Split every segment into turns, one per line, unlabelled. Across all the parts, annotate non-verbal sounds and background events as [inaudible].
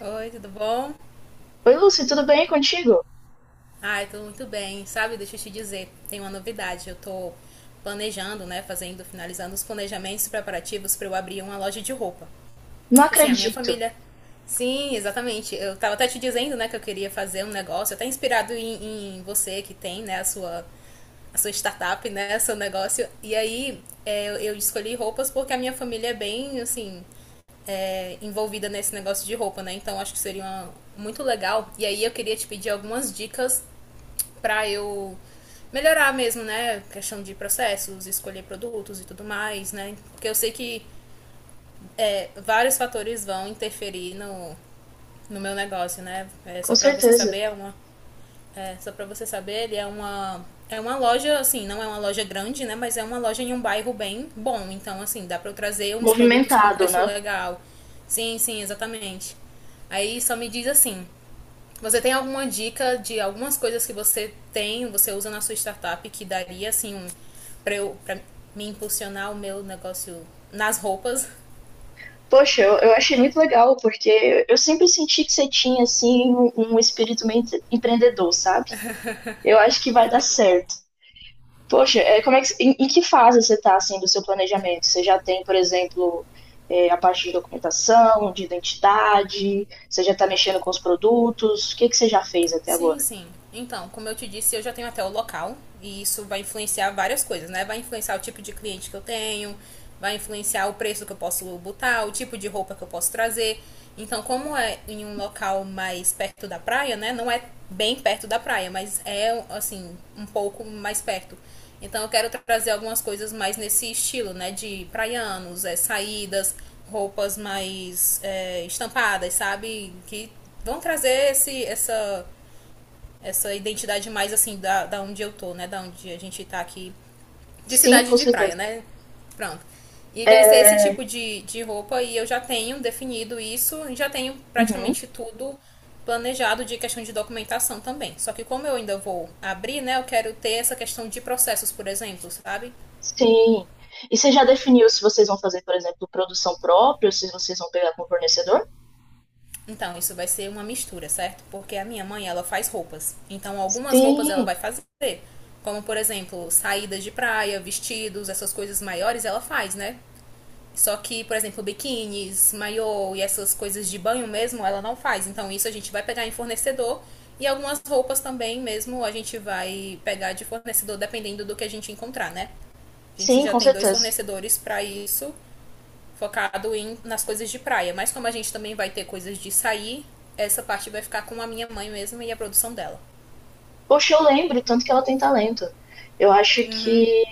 Oi, tudo bom?
Oi, Lúcia, tudo bem contigo?
Ai, tudo muito bem. Sabe, deixa eu te dizer, tem uma novidade. Eu tô planejando, né, fazendo, finalizando os planejamentos preparativos para eu abrir uma loja de roupa.
Não
Assim, a minha
acredito,
família. Sim, exatamente. Eu tava até te dizendo, né, que eu queria fazer um negócio, até inspirado em você que tem, né, a sua startup, né, seu negócio. E aí é, eu escolhi roupas porque a minha família é bem, assim, é, envolvida nesse negócio de roupa, né? Então acho que seria uma- muito legal. E aí eu queria te pedir algumas dicas pra eu melhorar mesmo, né? Questão de processos, escolher produtos e tudo mais, né? Porque eu sei que vários fatores vão interferir no meu negócio, né? É,
com
só para você
certeza.
saber, é uma, é, só para você saber, ele é uma loja, assim, não é uma loja grande, né? Mas é uma loja em um bairro bem bom. Então, assim, dá pra eu trazer uns produtos com
Movimentado,
preço
né?
legal. Sim, sim, exatamente. Aí só me diz assim: você tem alguma dica de algumas coisas que você tem, você usa na sua startup que daria, assim, um, pra, eu, pra me impulsionar o meu negócio nas roupas?
Poxa, eu achei muito legal, porque eu sempre senti que você tinha, assim, um espírito meio empreendedor, sabe? Eu acho que vai dar certo. Poxa, é, como é que, em que fase você está, assim, do seu planejamento? Você já tem, por exemplo, é, a parte de documentação, de identidade? Você já está mexendo com os produtos? O que que você já fez até
Sim,
agora?
sim. Então, como eu te disse, eu já tenho até o local e isso vai influenciar várias coisas, né? Vai influenciar o tipo de cliente que eu tenho, vai influenciar o preço que eu posso botar, o tipo de roupa que eu posso trazer. Então, como é em um local mais perto da praia, né? Não é bem perto da praia, mas é assim, um pouco mais perto. Então, eu quero trazer algumas coisas mais nesse estilo, né? De praianos, é, saídas, roupas mais é, estampadas, sabe? Que vão trazer esse, essa essa identidade mais assim da, da onde eu tô, né? Da onde a gente tá aqui. De
Sim,
cidade
com
de praia,
certeza.
né? Pronto. E vai ser
É,
esse tipo de roupa e eu já tenho definido isso, já tenho
uhum.
praticamente tudo planejado de questão de documentação também. Só que como eu ainda vou abrir, né, eu quero ter essa questão de processos, por exemplo, sabe?
Sim. E você já definiu se vocês vão fazer, por exemplo, produção própria, ou se vocês vão pegar com o fornecedor?
Então, isso vai ser uma mistura, certo? Porque a minha mãe, ela faz roupas. Então, algumas roupas ela
Sim,
vai fazer, como por exemplo, saídas de praia, vestidos, essas coisas maiores ela faz, né? Só que, por exemplo, biquínis, maiô e essas coisas de banho mesmo, ela não faz. Então, isso a gente vai pegar em fornecedor. E algumas roupas também mesmo a gente vai pegar de fornecedor, dependendo do que a gente encontrar, né? A gente
sim,
já
com
tem dois
certeza.
fornecedores para isso, focado em, nas coisas de praia. Mas como a gente também vai ter coisas de sair, essa parte vai ficar com a minha mãe mesmo e a produção dela.
Poxa, eu lembro, tanto que ela tem talento. Eu acho que,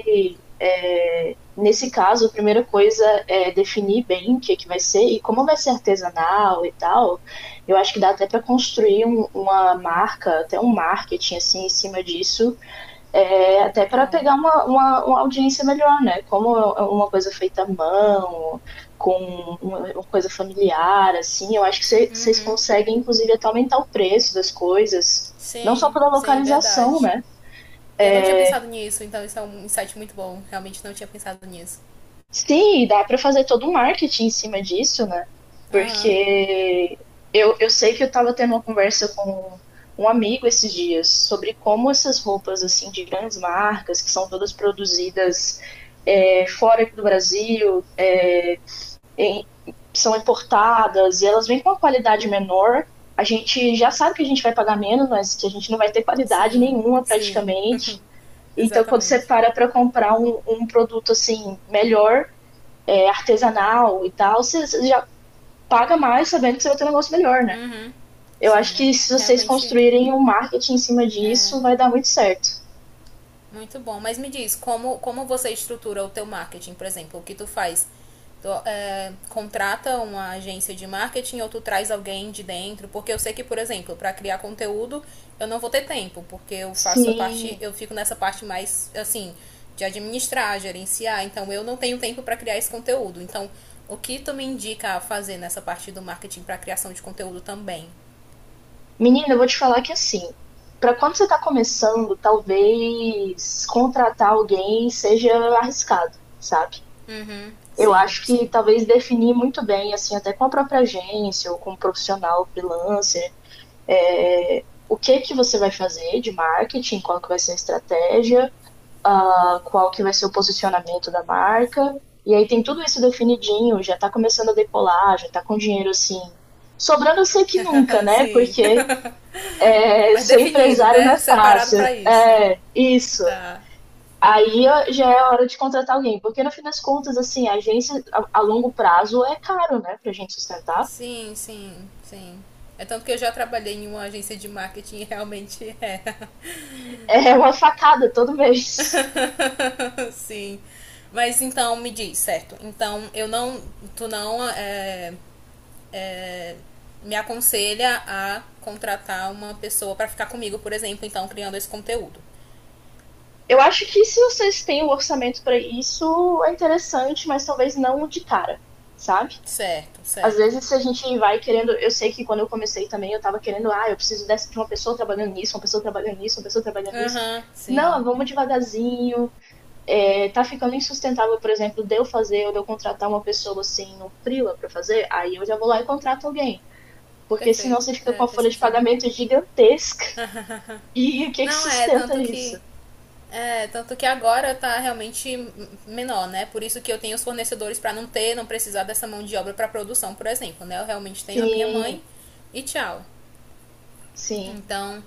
é, nesse caso, a primeira coisa é definir bem o que é que vai ser e como vai ser artesanal e tal. Eu acho que dá até para construir uma marca, até um marketing, assim, em cima disso é, até para
Legal.
pegar uma, uma audiência melhor, né? Como é uma coisa feita à mão, com uma coisa familiar, assim, eu acho que vocês
Uhum.
conseguem, inclusive, até aumentar o preço das coisas, não só
Sim,
pela
sim,
localização,
verdade.
né?
E eu não
É,
tinha pensado nisso, então isso é um insight muito bom. Realmente não tinha pensado nisso.
sim, e dá para fazer todo um marketing em cima disso, né?
Aham.
Porque eu sei que eu estava tendo uma conversa com um amigo esses dias sobre como essas roupas assim de grandes marcas, que são todas produzidas é, fora aqui do Brasil, é, em- são importadas e elas vêm com uma qualidade menor. A gente já sabe que a gente vai pagar menos, mas que a gente não vai ter qualidade
Sim,
nenhuma
sim,
praticamente. Então, quando você
exatamente.
para comprar um produto assim melhor é, artesanal e tal, você já paga mais sabendo que você vai ter um negócio melhor, né? Eu acho
Sim,
que se vocês
realmente
construírem um marketing em cima disso, vai dar muito certo.
muito bom. Mas me diz, como, como você estrutura o teu marketing, por exemplo, o que tu faz? Tu, é, contrata uma agência de marketing ou tu traz alguém de dentro? Porque eu sei que, por exemplo, para criar conteúdo, eu não vou ter tempo, porque eu faço a parte,
Sim.
eu fico nessa parte mais assim, de administrar, gerenciar, então eu não tenho tempo para criar esse conteúdo. Então, o que tu me indica a fazer nessa parte do marketing para criação de conteúdo também?
Menina, eu vou te falar que assim, para quando você está começando, talvez contratar alguém seja arriscado, sabe? Eu
Sim,
acho
sim.
que talvez definir muito bem, assim, até com a própria agência ou com um profissional freelancer, é, o que que você vai fazer de marketing, qual que vai ser a estratégia ah, qual que vai ser o posicionamento da marca. E aí tem tudo isso definidinho, já tá começando a decolar, já tá com dinheiro assim. Sobrando eu sei que nunca,
Ah,
né?
sim.
Porque
[laughs]
é,
Mas
ser
definido,
empresário não é
né? Separado
fácil.
para isso.
É, isso.
Tá.
Aí ó, já é a hora de contratar alguém, porque no fim das contas, assim, a agência a longo prazo é caro, né, pra gente sustentar.
Sim, sim, sim. É tanto que eu já trabalhei em uma agência de marketing e realmente é,
É uma facada todo mês.
[laughs] sim. Mas então me diz, certo? Então eu não, tu não é, me aconselha a contratar uma pessoa para ficar comigo, por exemplo, então criando esse conteúdo.
Eu acho que se vocês têm o orçamento para isso, é interessante, mas talvez não de cara, sabe?
Certo,
Às
certo.
vezes a gente vai querendo. Eu sei que quando eu comecei também, eu tava querendo, ah, eu preciso dessa, de uma pessoa trabalhando nisso, uma pessoa trabalhando nisso, uma pessoa trabalhando nisso.
Aham, sim.
Não, vamos devagarzinho. É, tá ficando insustentável, por exemplo, de eu fazer ou de eu contratar uma pessoa assim no Freela pra fazer, aí eu já vou lá e contrato alguém. Porque senão
Perfeito.
você fica com
É,
a
faz
folha de
sentido.
pagamento gigantesca. [laughs] E o que que
Não, é,
sustenta
tanto
isso?
que. É, tanto que agora tá realmente menor, né? Por isso que eu tenho os fornecedores para não ter, não precisar dessa mão de obra para produção, por exemplo, né? Eu realmente tenho a minha
Sim,
mãe e tchau.
sim.
Então,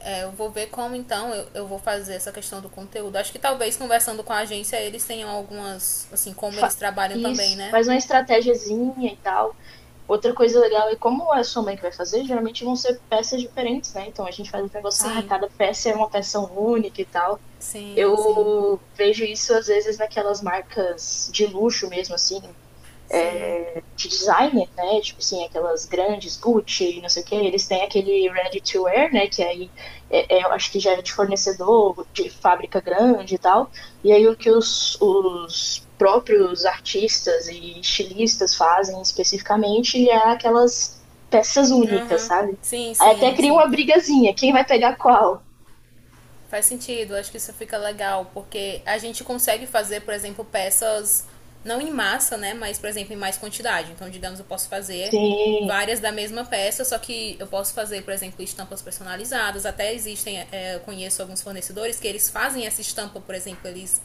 é, eu vou ver como então eu vou fazer essa questão do conteúdo. Acho que talvez conversando com a agência eles tenham algumas, assim, como eles
Fa-
trabalham também,
isso,
né?
faz uma estratégiazinha e tal. Outra coisa legal é como é a sua mãe que vai fazer, geralmente vão ser peças diferentes, né? Então a gente faz o negócio, ah,
Sim,
cada peça é uma peça única e tal.
sim, sim,
Eu vejo isso às vezes naquelas marcas de luxo mesmo, assim,
sim.
de designer, né? Tipo assim, aquelas grandes Gucci, não sei o que, eles têm aquele ready to wear, né? Que aí é, eu acho que já é de fornecedor, de fábrica grande e tal. E aí o que os próprios artistas e estilistas fazem especificamente é aquelas peças únicas,
Aham.
sabe?
Sim,
Aí até
sim,
cria
sim.
uma brigazinha, quem vai pegar qual?
Faz sentido, acho que isso fica legal, porque a gente consegue fazer, por exemplo, peças não em massa, né? Mas, por exemplo, em mais quantidade. Então, digamos, eu posso fazer
Sim,
várias da mesma peça, só que eu posso fazer, por exemplo, estampas personalizadas. Até existem, é, é, eu conheço alguns fornecedores que eles fazem essa estampa, por exemplo, eles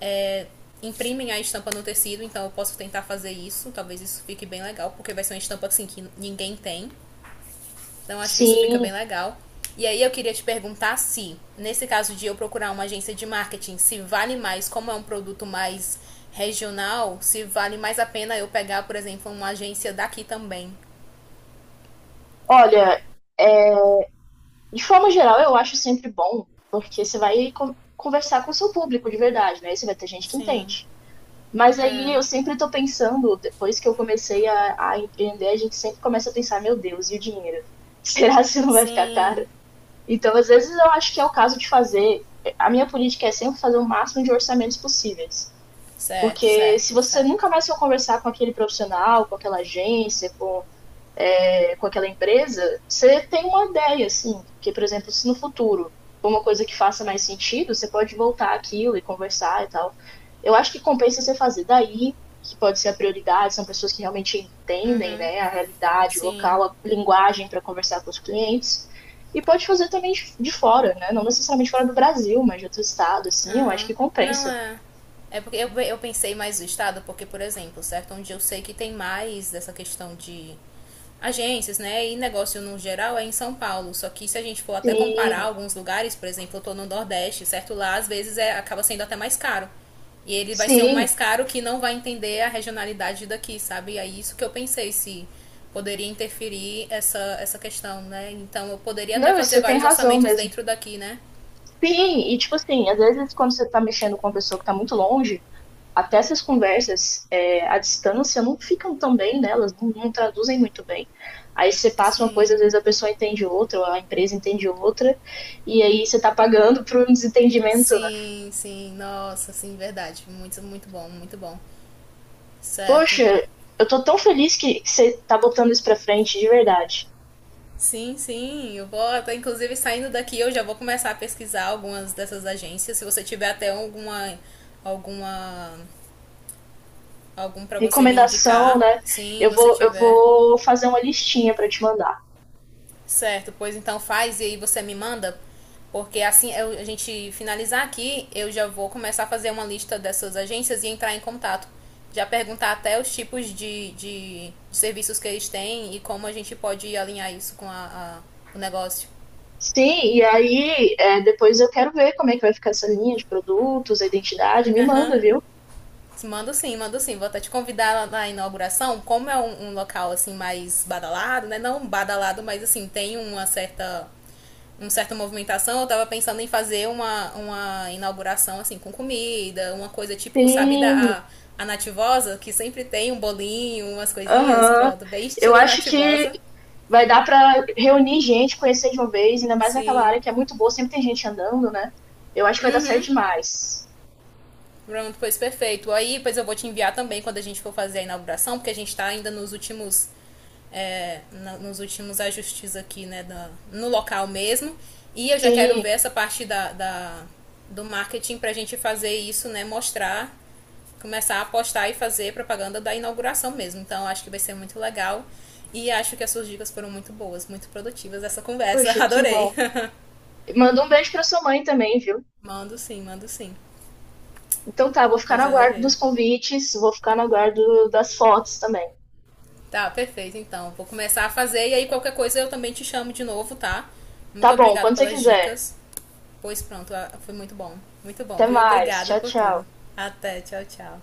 é, imprimem a estampa no tecido, então eu posso tentar fazer isso. Talvez isso fique bem legal, porque vai ser uma estampa assim que ninguém tem. Então acho que isso fica
sim.
bem legal. E aí eu queria te perguntar se, nesse caso de eu procurar uma agência de marketing, se vale mais, como é um produto mais regional, se vale mais a pena eu pegar, por exemplo, uma agência daqui também.
Olha, é, de forma geral, eu acho sempre bom, porque você vai conversar com o seu público de verdade, né? Você vai ter gente que
Sim.
entende. Mas aí eu sempre tô pensando, depois que eu comecei a empreender, a gente sempre começa a pensar, meu Deus, e o dinheiro? [laughs] Será que isso não vai ficar caro?
Sim.
Então, às vezes, eu acho que é o caso de fazer. A minha política é sempre fazer o máximo de orçamentos possíveis.
Certo,
Porque se
certo,
você
certo.
nunca mais for conversar com aquele profissional, com aquela agência, com é, com aquela empresa, você tem uma ideia, assim, que, por exemplo, se no futuro for uma coisa que faça mais sentido, você pode voltar aquilo e conversar e tal. Eu acho que compensa você fazer daí, que pode ser a prioridade, são pessoas que realmente entendem, né, a realidade, o
Sim.
local, a linguagem para conversar com os clientes. E pode fazer também de fora, né? Não necessariamente fora do Brasil, mas de outro estado, assim, eu acho
Aham.
que
Não
compensa.
é. É porque eu pensei mais no estado, porque, por exemplo, certo? Onde eu sei que tem mais dessa questão de agências, né? E negócio no geral é em São Paulo. Só que se a gente for até comparar
Sim,
alguns lugares, por exemplo, eu tô no Nordeste, certo? Lá às vezes é, acaba sendo até mais caro. E ele vai ser um
sim.
mais caro que não vai entender a regionalidade daqui, sabe? E é isso que eu pensei, se poderia interferir essa, essa questão, né? Então eu poderia até
Não,
fazer
você tem
vários
razão
orçamentos
mesmo.
dentro daqui, né?
Sim, e tipo assim, às vezes quando você tá mexendo com uma pessoa que tá muito longe, até essas conversas é, à distância não ficam tão bem, né? Elas não, não traduzem muito bem. Aí você passa uma coisa, às
Sim.
vezes a pessoa entende outra, ou a empresa entende outra, e aí você tá pagando por um desentendimento, né?
Sim, sim, nossa, sim, verdade. Muito, muito bom, muito bom. Certo.
Poxa, eu tô tão feliz que você tá botando isso pra frente, de verdade.
Sim, sim, eu vou até, inclusive, saindo daqui, eu já vou começar a pesquisar algumas dessas agências. Se você tiver até alguma, alguma, algum para você me
Recomendação,
indicar,
né?
sim,
Eu
você
vou, eu
tiver.
vou fazer uma listinha pra te mandar.
Certo, pois então faz e aí você me manda, porque assim eu- a gente finalizar aqui, eu já vou começar a fazer uma lista dessas agências e entrar em contato. Já perguntar até os tipos de serviços que eles têm e como a gente pode alinhar isso com a- o negócio.
Sim, e aí é, depois eu quero ver como é que vai ficar essa linha de produtos, a identidade, me manda,
Aham.
viu?
Mando sim, mando sim. Vou até te convidar na inauguração. Como é um, um local assim mais badalado, né? Não badalado, mas assim, tem uma certa movimentação. Eu tava pensando em fazer uma inauguração assim com comida, uma coisa tipo, sabe,
Sim,
da a nativosa, que sempre tem um bolinho, umas coisinhas,
aham.
pronto, bem
Eu
estilo
acho que
nativosa.
vai dar para reunir gente, conhecer de uma vez, ainda mais naquela
Sim.
área que é muito boa, sempre tem gente andando, né? Eu acho que vai dar certo demais.
Pronto, pois perfeito. Aí depois eu vou te enviar também quando a gente for fazer a inauguração, porque a gente está ainda nos últimos é, na- nos últimos ajustes aqui, né, da- no local mesmo. E eu já quero ver
Sim,
essa parte da, da- do marketing para a gente fazer isso, né, mostrar, começar a apostar e fazer propaganda da inauguração mesmo. Então acho que vai ser muito legal. E acho que as suas dicas foram muito boas, muito produtivas essa conversa.
poxa, que
Adorei.
bom. Manda um beijo para sua mãe também, viu?
[laughs] mando sim, mando sim.
Então tá, vou ficar no
Pois
aguardo dos
adorei.
convites, vou ficar no aguardo das fotos também.
Tá, perfeito. Então, vou começar a fazer e aí qualquer coisa eu também te chamo de novo, tá?
Tá
Muito
bom,
obrigada
quando você
pelas
quiser.
dicas. Pois pronto, ah, foi muito bom. Muito bom,
Até
viu?
mais.
Obrigada
Tchau,
por
tchau.
tudo. Até, tchau, tchau.